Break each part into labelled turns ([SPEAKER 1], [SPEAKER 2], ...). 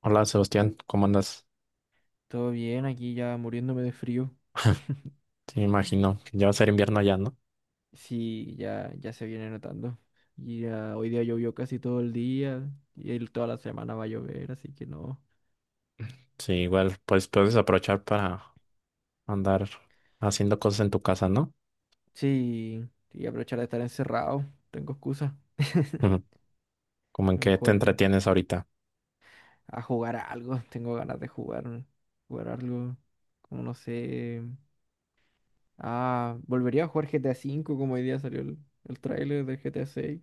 [SPEAKER 1] Hola Sebastián, ¿cómo andas?
[SPEAKER 2] Todo bien, aquí ya muriéndome de frío.
[SPEAKER 1] Sí, me imagino que ya va a ser invierno allá, ¿no?
[SPEAKER 2] Sí, ya se viene notando. Y ya hoy día llovió casi todo el día y toda la semana va a llover, así que no.
[SPEAKER 1] Sí, igual, pues puedes aprovechar para andar haciendo cosas en tu casa, ¿no?
[SPEAKER 2] Sí, y aprovechar de estar encerrado. Tengo excusa.
[SPEAKER 1] Ujú. ¿Como
[SPEAKER 2] A
[SPEAKER 1] en
[SPEAKER 2] lo
[SPEAKER 1] qué te
[SPEAKER 2] mejor
[SPEAKER 1] entretienes ahorita,
[SPEAKER 2] a jugar a algo. Tengo ganas de jugar. Jugar algo. Como no sé. Ah, volvería a jugar GTA V como hoy día salió el tráiler del GTA VI.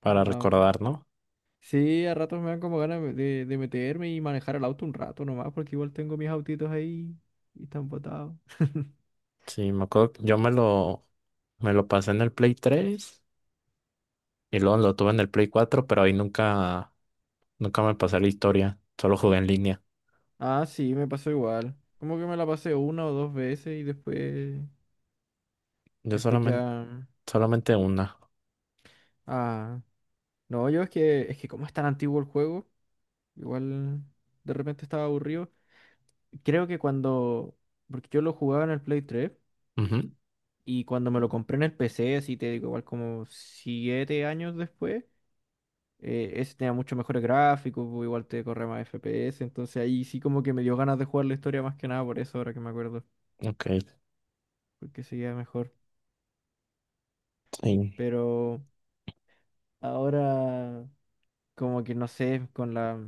[SPEAKER 1] para recordar, ¿no?
[SPEAKER 2] Sí, a ratos me dan como ganas de meterme y manejar el auto un rato nomás, porque igual tengo mis autitos ahí y están botados.
[SPEAKER 1] Sí, me acuerdo, que yo me lo pasé en el Play 3 y luego lo tuve en el Play 4, pero ahí nunca me pasé la historia, solo jugué en línea.
[SPEAKER 2] Ah, sí, me pasó igual. Como que me la pasé una o dos veces y después,
[SPEAKER 1] Yo
[SPEAKER 2] después
[SPEAKER 1] solamente,
[SPEAKER 2] ya.
[SPEAKER 1] Solamente una.
[SPEAKER 2] Ah, no, yo es que como es tan antiguo el juego, igual de repente estaba aburrido. Creo que cuando, porque yo lo jugaba en el Play 3
[SPEAKER 1] Ujú.
[SPEAKER 2] y cuando me lo compré en el PC, así te digo, igual como 7 años después. Ese tenía mucho mejores gráficos, pues, igual te corre más FPS, entonces ahí sí como que me dio ganas de jugar la historia más que nada por eso, ahora que me acuerdo,
[SPEAKER 1] Ok,
[SPEAKER 2] porque seguía mejor.
[SPEAKER 1] sí.
[SPEAKER 2] Pero ahora como que no sé, con la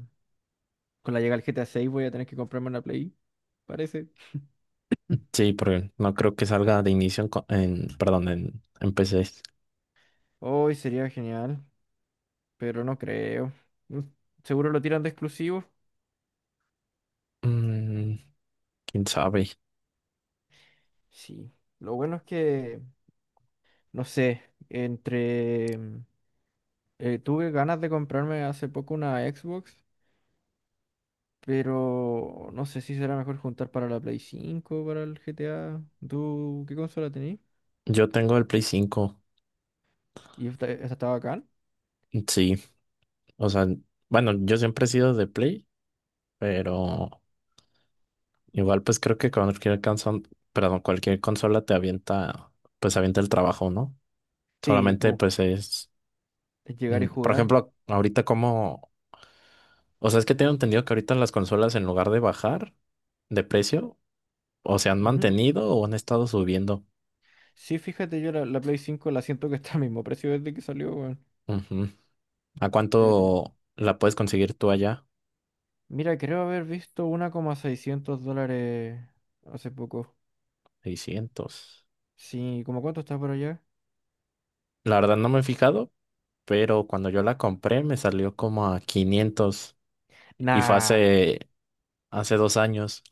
[SPEAKER 2] con la llegada del GTA 6 voy a tener que comprarme una Play, parece.
[SPEAKER 1] Sí, porque no creo que salga de inicio en, perdón, en PC.
[SPEAKER 2] Hoy sería genial, pero no creo. Mm, Seguro lo tiran de exclusivo.
[SPEAKER 1] Mm, quién sabe.
[SPEAKER 2] Sí. Lo bueno es que no sé, entre tuve ganas de comprarme hace poco una Xbox. Pero no sé si será mejor juntar para la Play 5 o para el GTA. ¿Tú qué consola tenés?
[SPEAKER 1] Yo tengo el Play 5.
[SPEAKER 2] ¿Y esta está bacán?
[SPEAKER 1] Sí. O sea, bueno, yo siempre he sido de Play, pero igual pues creo que cualquier cualquier consola te avienta, pues avienta el trabajo, ¿no?
[SPEAKER 2] Sí,
[SPEAKER 1] Solamente pues es,
[SPEAKER 2] es llegar
[SPEAKER 1] mm,
[SPEAKER 2] y
[SPEAKER 1] Por
[SPEAKER 2] jugar.
[SPEAKER 1] ejemplo, o sea, es que tengo entendido que ahorita las consolas en lugar de bajar de precio, o se han
[SPEAKER 2] Ujú.
[SPEAKER 1] mantenido o han estado subiendo.
[SPEAKER 2] Sí, fíjate, yo la Play cinco la siento que está al mismo precio desde que salió, weón.
[SPEAKER 1] Ujú. ¿A
[SPEAKER 2] Pero...
[SPEAKER 1] cuánto la puedes conseguir tú allá?
[SPEAKER 2] Mira, creo haber visto uno coma seiscientos dólares hace poco.
[SPEAKER 1] 600.
[SPEAKER 2] Sí, ¿cómo cuánto está por allá?
[SPEAKER 1] La verdad no me he fijado, pero cuando yo la compré me salió como a 500 y fue
[SPEAKER 2] Nah,
[SPEAKER 1] hace 2 años,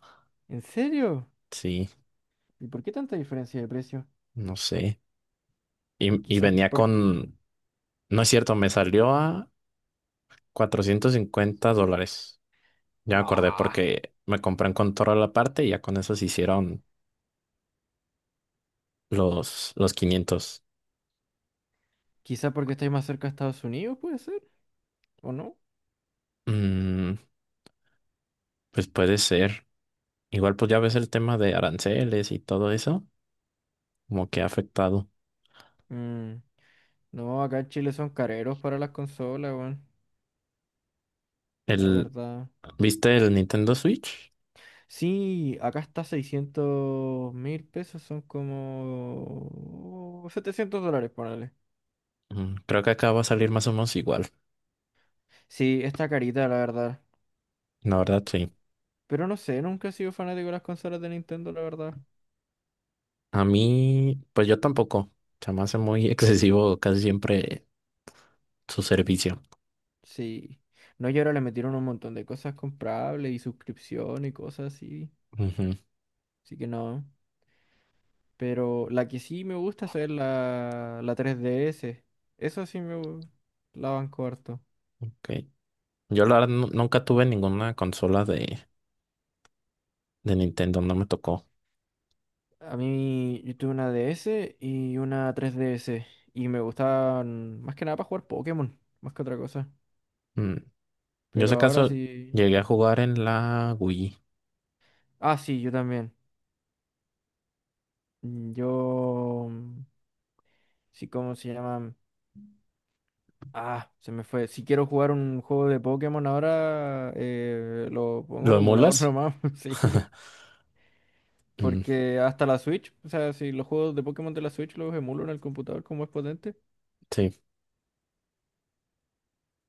[SPEAKER 2] ¿en serio?
[SPEAKER 1] sí,
[SPEAKER 2] ¿Y por qué tanta diferencia de precio?
[SPEAKER 1] no sé. Y
[SPEAKER 2] Quizás
[SPEAKER 1] venía
[SPEAKER 2] por...
[SPEAKER 1] con, no es cierto, me salió a $450. Ya me acordé
[SPEAKER 2] Ah,
[SPEAKER 1] porque me compré un control la parte y ya con eso se hicieron los 500.
[SPEAKER 2] quizás porque estáis más cerca de Estados Unidos, puede ser, ¿o no?
[SPEAKER 1] Mm, pues puede ser. Igual pues ya ves el tema de aranceles y todo eso, como que ha afectado.
[SPEAKER 2] Mm, No, acá en Chile son careros para las consolas, weón. La
[SPEAKER 1] El,
[SPEAKER 2] verdad.
[SPEAKER 1] ¿viste el Nintendo Switch?
[SPEAKER 2] Sí, acá está 600.000 pesos, son como $700, ponele.
[SPEAKER 1] Mm, creo que acá va a salir más o menos igual.
[SPEAKER 2] Sí, está carita, la verdad.
[SPEAKER 1] La verdad, sí.
[SPEAKER 2] Pero no sé, nunca he sido fanático de las consolas de Nintendo, la verdad.
[SPEAKER 1] A mí, pues yo tampoco. Se me hace muy excesivo casi siempre su servicio.
[SPEAKER 2] Sí. No, y ahora le metieron un montón de cosas comprables y suscripción y cosas así.
[SPEAKER 1] Ujú,
[SPEAKER 2] Así que no. Pero la que sí me gusta es la 3DS. Eso sí la banco harto.
[SPEAKER 1] ok. Yo la verdad nunca tuve ninguna consola de Nintendo, no me tocó.
[SPEAKER 2] A mí yo tuve una DS y una 3DS y me gustaban más que nada para jugar Pokémon, más que otra cosa.
[SPEAKER 1] Mm, yo,
[SPEAKER 2] Pero
[SPEAKER 1] si
[SPEAKER 2] ahora
[SPEAKER 1] caso
[SPEAKER 2] sí...
[SPEAKER 1] llegué a jugar en la Wii.
[SPEAKER 2] Ah, sí, yo también. Mm, Yo... mm, Sí, ¿cómo se llaman? Ah, se me fue. Si quiero jugar un juego de Pokémon ahora, lo pongo
[SPEAKER 1] ¿Lo
[SPEAKER 2] en un emulador
[SPEAKER 1] emulas?
[SPEAKER 2] nomás, sí.
[SPEAKER 1] Mm,
[SPEAKER 2] Porque hasta la Switch, o sea, si los juegos de Pokémon de la Switch los emulo en el computador como es potente.
[SPEAKER 1] sí.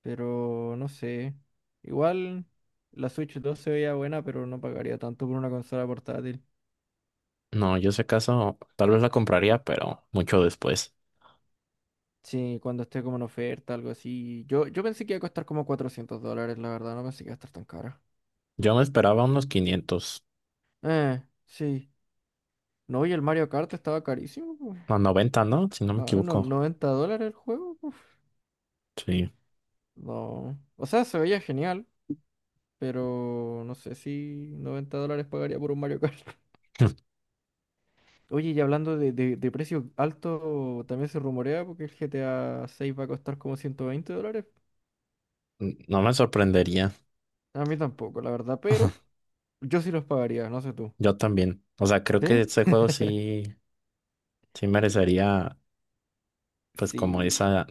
[SPEAKER 2] Pero no sé. Igual la Switch 2 se veía buena, pero no pagaría tanto por una consola portátil.
[SPEAKER 1] No, yo, si caso tal vez la compraría, pero mucho después.
[SPEAKER 2] Sí, cuando esté como en oferta, algo así. Yo pensé que iba a costar como $400, la verdad. No pensé que iba a estar tan cara.
[SPEAKER 1] Yo me esperaba unos 500,
[SPEAKER 2] Sí. No, y el Mario Kart estaba carísimo, pues.
[SPEAKER 1] no, 90, ¿no? Si no me
[SPEAKER 2] Ah, no,
[SPEAKER 1] equivoco.
[SPEAKER 2] $90 el juego, uf.
[SPEAKER 1] Sí.
[SPEAKER 2] No. O sea, se veía genial, pero no sé si $90 pagaría por un Mario Kart. Oye, y hablando de precio alto, también se rumorea porque el GTA 6 va a costar como $120.
[SPEAKER 1] No me sorprendería,
[SPEAKER 2] A mí tampoco, la verdad, pero yo sí los pagaría, no sé tú.
[SPEAKER 1] yo también. O sea, creo que
[SPEAKER 2] ¿Sí?
[SPEAKER 1] este juego sí, sí merecería, pues como
[SPEAKER 2] Sí.
[SPEAKER 1] esa...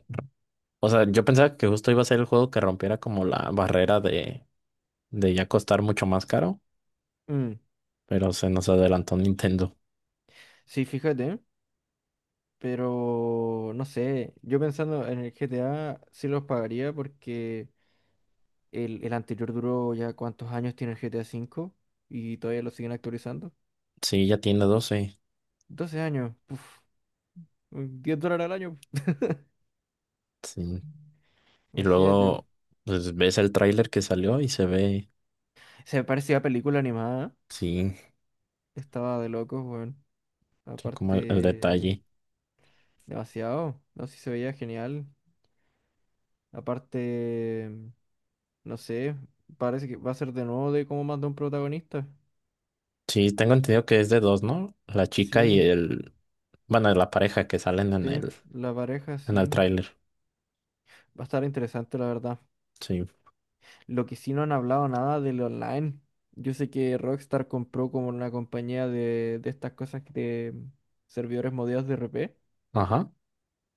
[SPEAKER 1] O sea, yo pensaba que justo iba a ser el juego que rompiera como la barrera de ya costar mucho más caro,
[SPEAKER 2] Mm.
[SPEAKER 1] pero se nos adelantó Nintendo.
[SPEAKER 2] Sí, fíjate, pero no sé, yo pensando en el GTA sí los pagaría porque el anterior duró ya cuántos años tiene el GTA 5 y todavía lo siguen actualizando.
[SPEAKER 1] Sí, ya tiene 12 años.
[SPEAKER 2] 12 años, puf, $10 al año,
[SPEAKER 1] Sí. Y
[SPEAKER 2] imagínate.
[SPEAKER 1] luego, pues ves el tráiler que salió y se ve,
[SPEAKER 2] Se parece a película animada.
[SPEAKER 1] sí,
[SPEAKER 2] Estaba de locos, weón.
[SPEAKER 1] sí, como el
[SPEAKER 2] Aparte,
[SPEAKER 1] detalle.
[SPEAKER 2] demasiado. No sé si se veía genial. Aparte, no sé, parece que va a ser de nuevo de como más de un protagonista.
[SPEAKER 1] Sí, tengo entendido que es de dos, ¿no? La chica y
[SPEAKER 2] Sí,
[SPEAKER 1] el, bueno, la pareja que salen
[SPEAKER 2] sí, la pareja
[SPEAKER 1] en el
[SPEAKER 2] sí.
[SPEAKER 1] tráiler.
[SPEAKER 2] Va a estar interesante, la verdad.
[SPEAKER 1] Sí.
[SPEAKER 2] Lo que sí no han hablado nada del online. Yo sé que Rockstar compró como una compañía de estas cosas que de servidores modeados de RP
[SPEAKER 1] Ajá.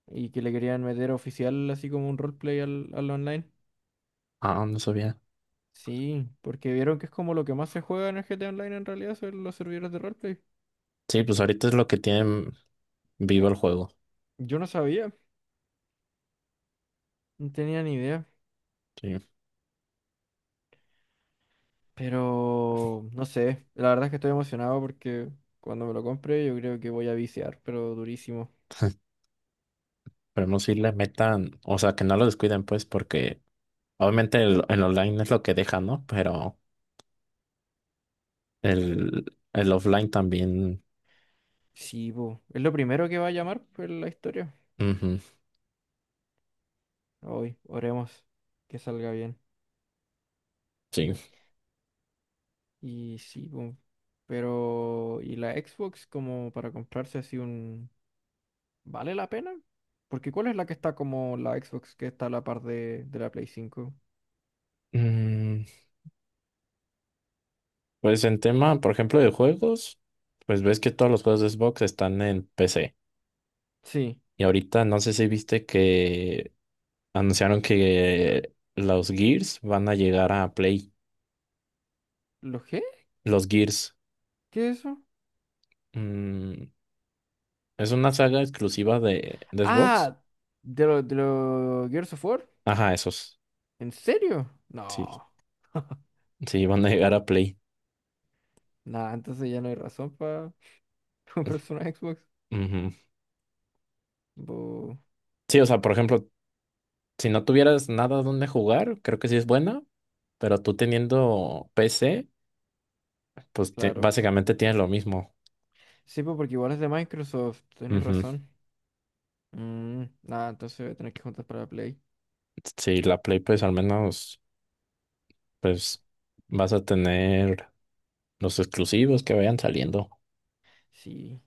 [SPEAKER 2] y que le querían meter oficial así como un roleplay al online.
[SPEAKER 1] Ah, no sabía.
[SPEAKER 2] Sí, porque vieron que es como lo que más se juega en el GTA Online en realidad son los servidores de roleplay.
[SPEAKER 1] Sí, pues ahorita es lo que tienen vivo el juego.
[SPEAKER 2] Yo no sabía, no tenía ni idea,
[SPEAKER 1] Sí.
[SPEAKER 2] pero no sé, la verdad es que estoy emocionado porque cuando me lo compre yo creo que voy a viciar, pero durísimo.
[SPEAKER 1] Esperemos si le metan, o sea, que no lo descuiden, pues, porque obviamente el online es lo que deja, ¿no? Pero el offline también.
[SPEAKER 2] Sí, po, es lo primero que va a llamar pues, la historia.
[SPEAKER 1] Ujú,
[SPEAKER 2] Hoy, oremos que salga bien.
[SPEAKER 1] sí.
[SPEAKER 2] Y sí, po, pero ¿y la Xbox como para comprarse así un... ¿Vale la pena? Porque ¿cuál es la que está como la Xbox que está a la par de la Play cinco?
[SPEAKER 1] Mm, pues en tema, por ejemplo, de juegos, pues ves que todos los juegos de Xbox están en PC.
[SPEAKER 2] Sí.
[SPEAKER 1] Y ahorita no sé si viste que anunciaron que los Gears van a llegar a Play.
[SPEAKER 2] ¿Lo qué?
[SPEAKER 1] Los Gears.
[SPEAKER 2] ¿Qué es eso?
[SPEAKER 1] Mm, es una saga exclusiva de Xbox.
[SPEAKER 2] Ah, de los de lo Gears of War.
[SPEAKER 1] Ajá, esos.
[SPEAKER 2] ¿En serio?
[SPEAKER 1] Sí,
[SPEAKER 2] No.
[SPEAKER 1] sí, van a llegar a Play.
[SPEAKER 2] Nada, entonces ya no hay razón para comprarse una Xbox.
[SPEAKER 1] Ujú.
[SPEAKER 2] Bu,
[SPEAKER 1] Sí, o sea, por ejemplo, si no tuvieras nada donde jugar, creo que sí es buena, pero tú teniendo PC, pues
[SPEAKER 2] claro.
[SPEAKER 1] básicamente tienes lo mismo.
[SPEAKER 2] Sí, pues porque igual es de Microsoft, tenéis
[SPEAKER 1] Ujú.
[SPEAKER 2] razón. Nada, entonces voy a tener que juntar para la Play.
[SPEAKER 1] Sí, la Play, pues al menos, pues vas a tener los exclusivos que vayan saliendo.
[SPEAKER 2] Sí.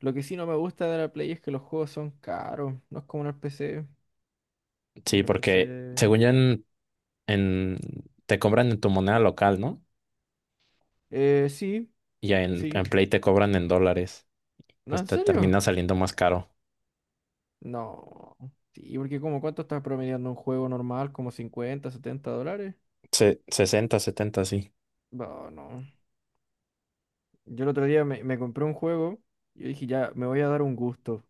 [SPEAKER 2] Lo que sí no me gusta de la Play es que los juegos son caros. No es como en el PC.
[SPEAKER 1] Sí,
[SPEAKER 2] En el
[SPEAKER 1] porque
[SPEAKER 2] PC.
[SPEAKER 1] según yo en- te cobran en tu moneda local, ¿no?
[SPEAKER 2] Sí,
[SPEAKER 1] Y en
[SPEAKER 2] sí.
[SPEAKER 1] Play te cobran en dólares,
[SPEAKER 2] ¿No,
[SPEAKER 1] pues
[SPEAKER 2] en
[SPEAKER 1] te
[SPEAKER 2] serio?
[SPEAKER 1] termina saliendo más caro.
[SPEAKER 2] No. Sí, porque como cuánto estás promediando un juego normal, como $50, $70.
[SPEAKER 1] 60, 70 sí.
[SPEAKER 2] No, no. Yo el otro día me compré un juego y yo dije, ya, me voy a dar un gusto.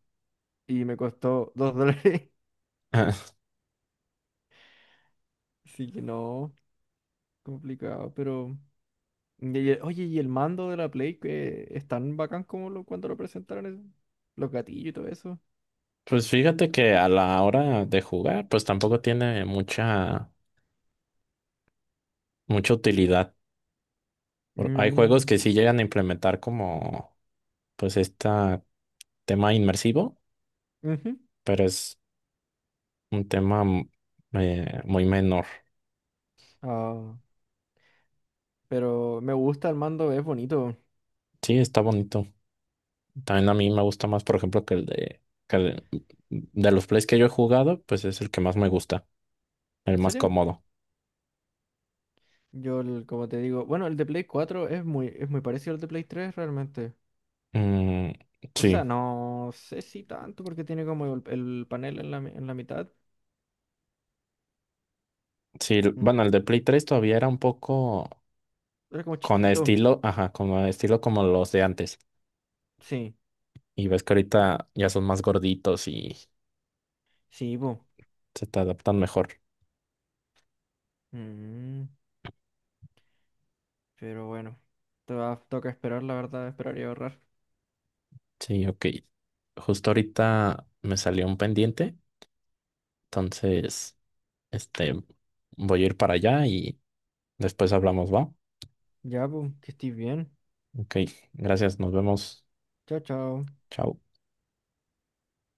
[SPEAKER 2] Y me costó $2. Así que no, complicado, pero... oye, ¿y el mando de la Play que es tan bacán como lo, cuando lo presentaron, eso? Los gatillos y todo eso.
[SPEAKER 1] Pues fíjate que a la hora de jugar, pues tampoco tiene mucha, mucha utilidad. Hay juegos
[SPEAKER 2] Mm,
[SPEAKER 1] que sí llegan a implementar como, pues, este tema inmersivo,
[SPEAKER 2] ujú.
[SPEAKER 1] pero es un tema muy menor.
[SPEAKER 2] Ah, pero me gusta el mando, es bonito.
[SPEAKER 1] Sí, está bonito. También a mí me gusta más, por ejemplo, que el de, que el- de los plays que yo he jugado, pues es el que más me gusta, el
[SPEAKER 2] ¿En
[SPEAKER 1] más
[SPEAKER 2] serio?
[SPEAKER 1] cómodo.
[SPEAKER 2] Como te digo, bueno, el de Play 4 es muy, parecido al de Play 3 realmente.
[SPEAKER 1] Mm,
[SPEAKER 2] O sea,
[SPEAKER 1] sí.
[SPEAKER 2] no sé si tanto porque tiene como el panel en la mitad.
[SPEAKER 1] Sí,
[SPEAKER 2] Mm,
[SPEAKER 1] bueno, el de Play 3 todavía era un poco
[SPEAKER 2] Era como
[SPEAKER 1] con
[SPEAKER 2] chiquito.
[SPEAKER 1] estilo, ajá, como estilo como los de antes.
[SPEAKER 2] Sí,
[SPEAKER 1] Y ves que ahorita ya son más gorditos y
[SPEAKER 2] sí, po.
[SPEAKER 1] se te adaptan mejor.
[SPEAKER 2] Mm, pero bueno, te va, toca esperar, la verdad, esperar y ahorrar.
[SPEAKER 1] Sí, ok. Justo ahorita me salió un pendiente, entonces, este, voy a ir para allá y después hablamos, ¿va?
[SPEAKER 2] Ya, pues, que estés bien.
[SPEAKER 1] Ok, gracias, nos vemos.
[SPEAKER 2] Chao, chao.
[SPEAKER 1] Chao.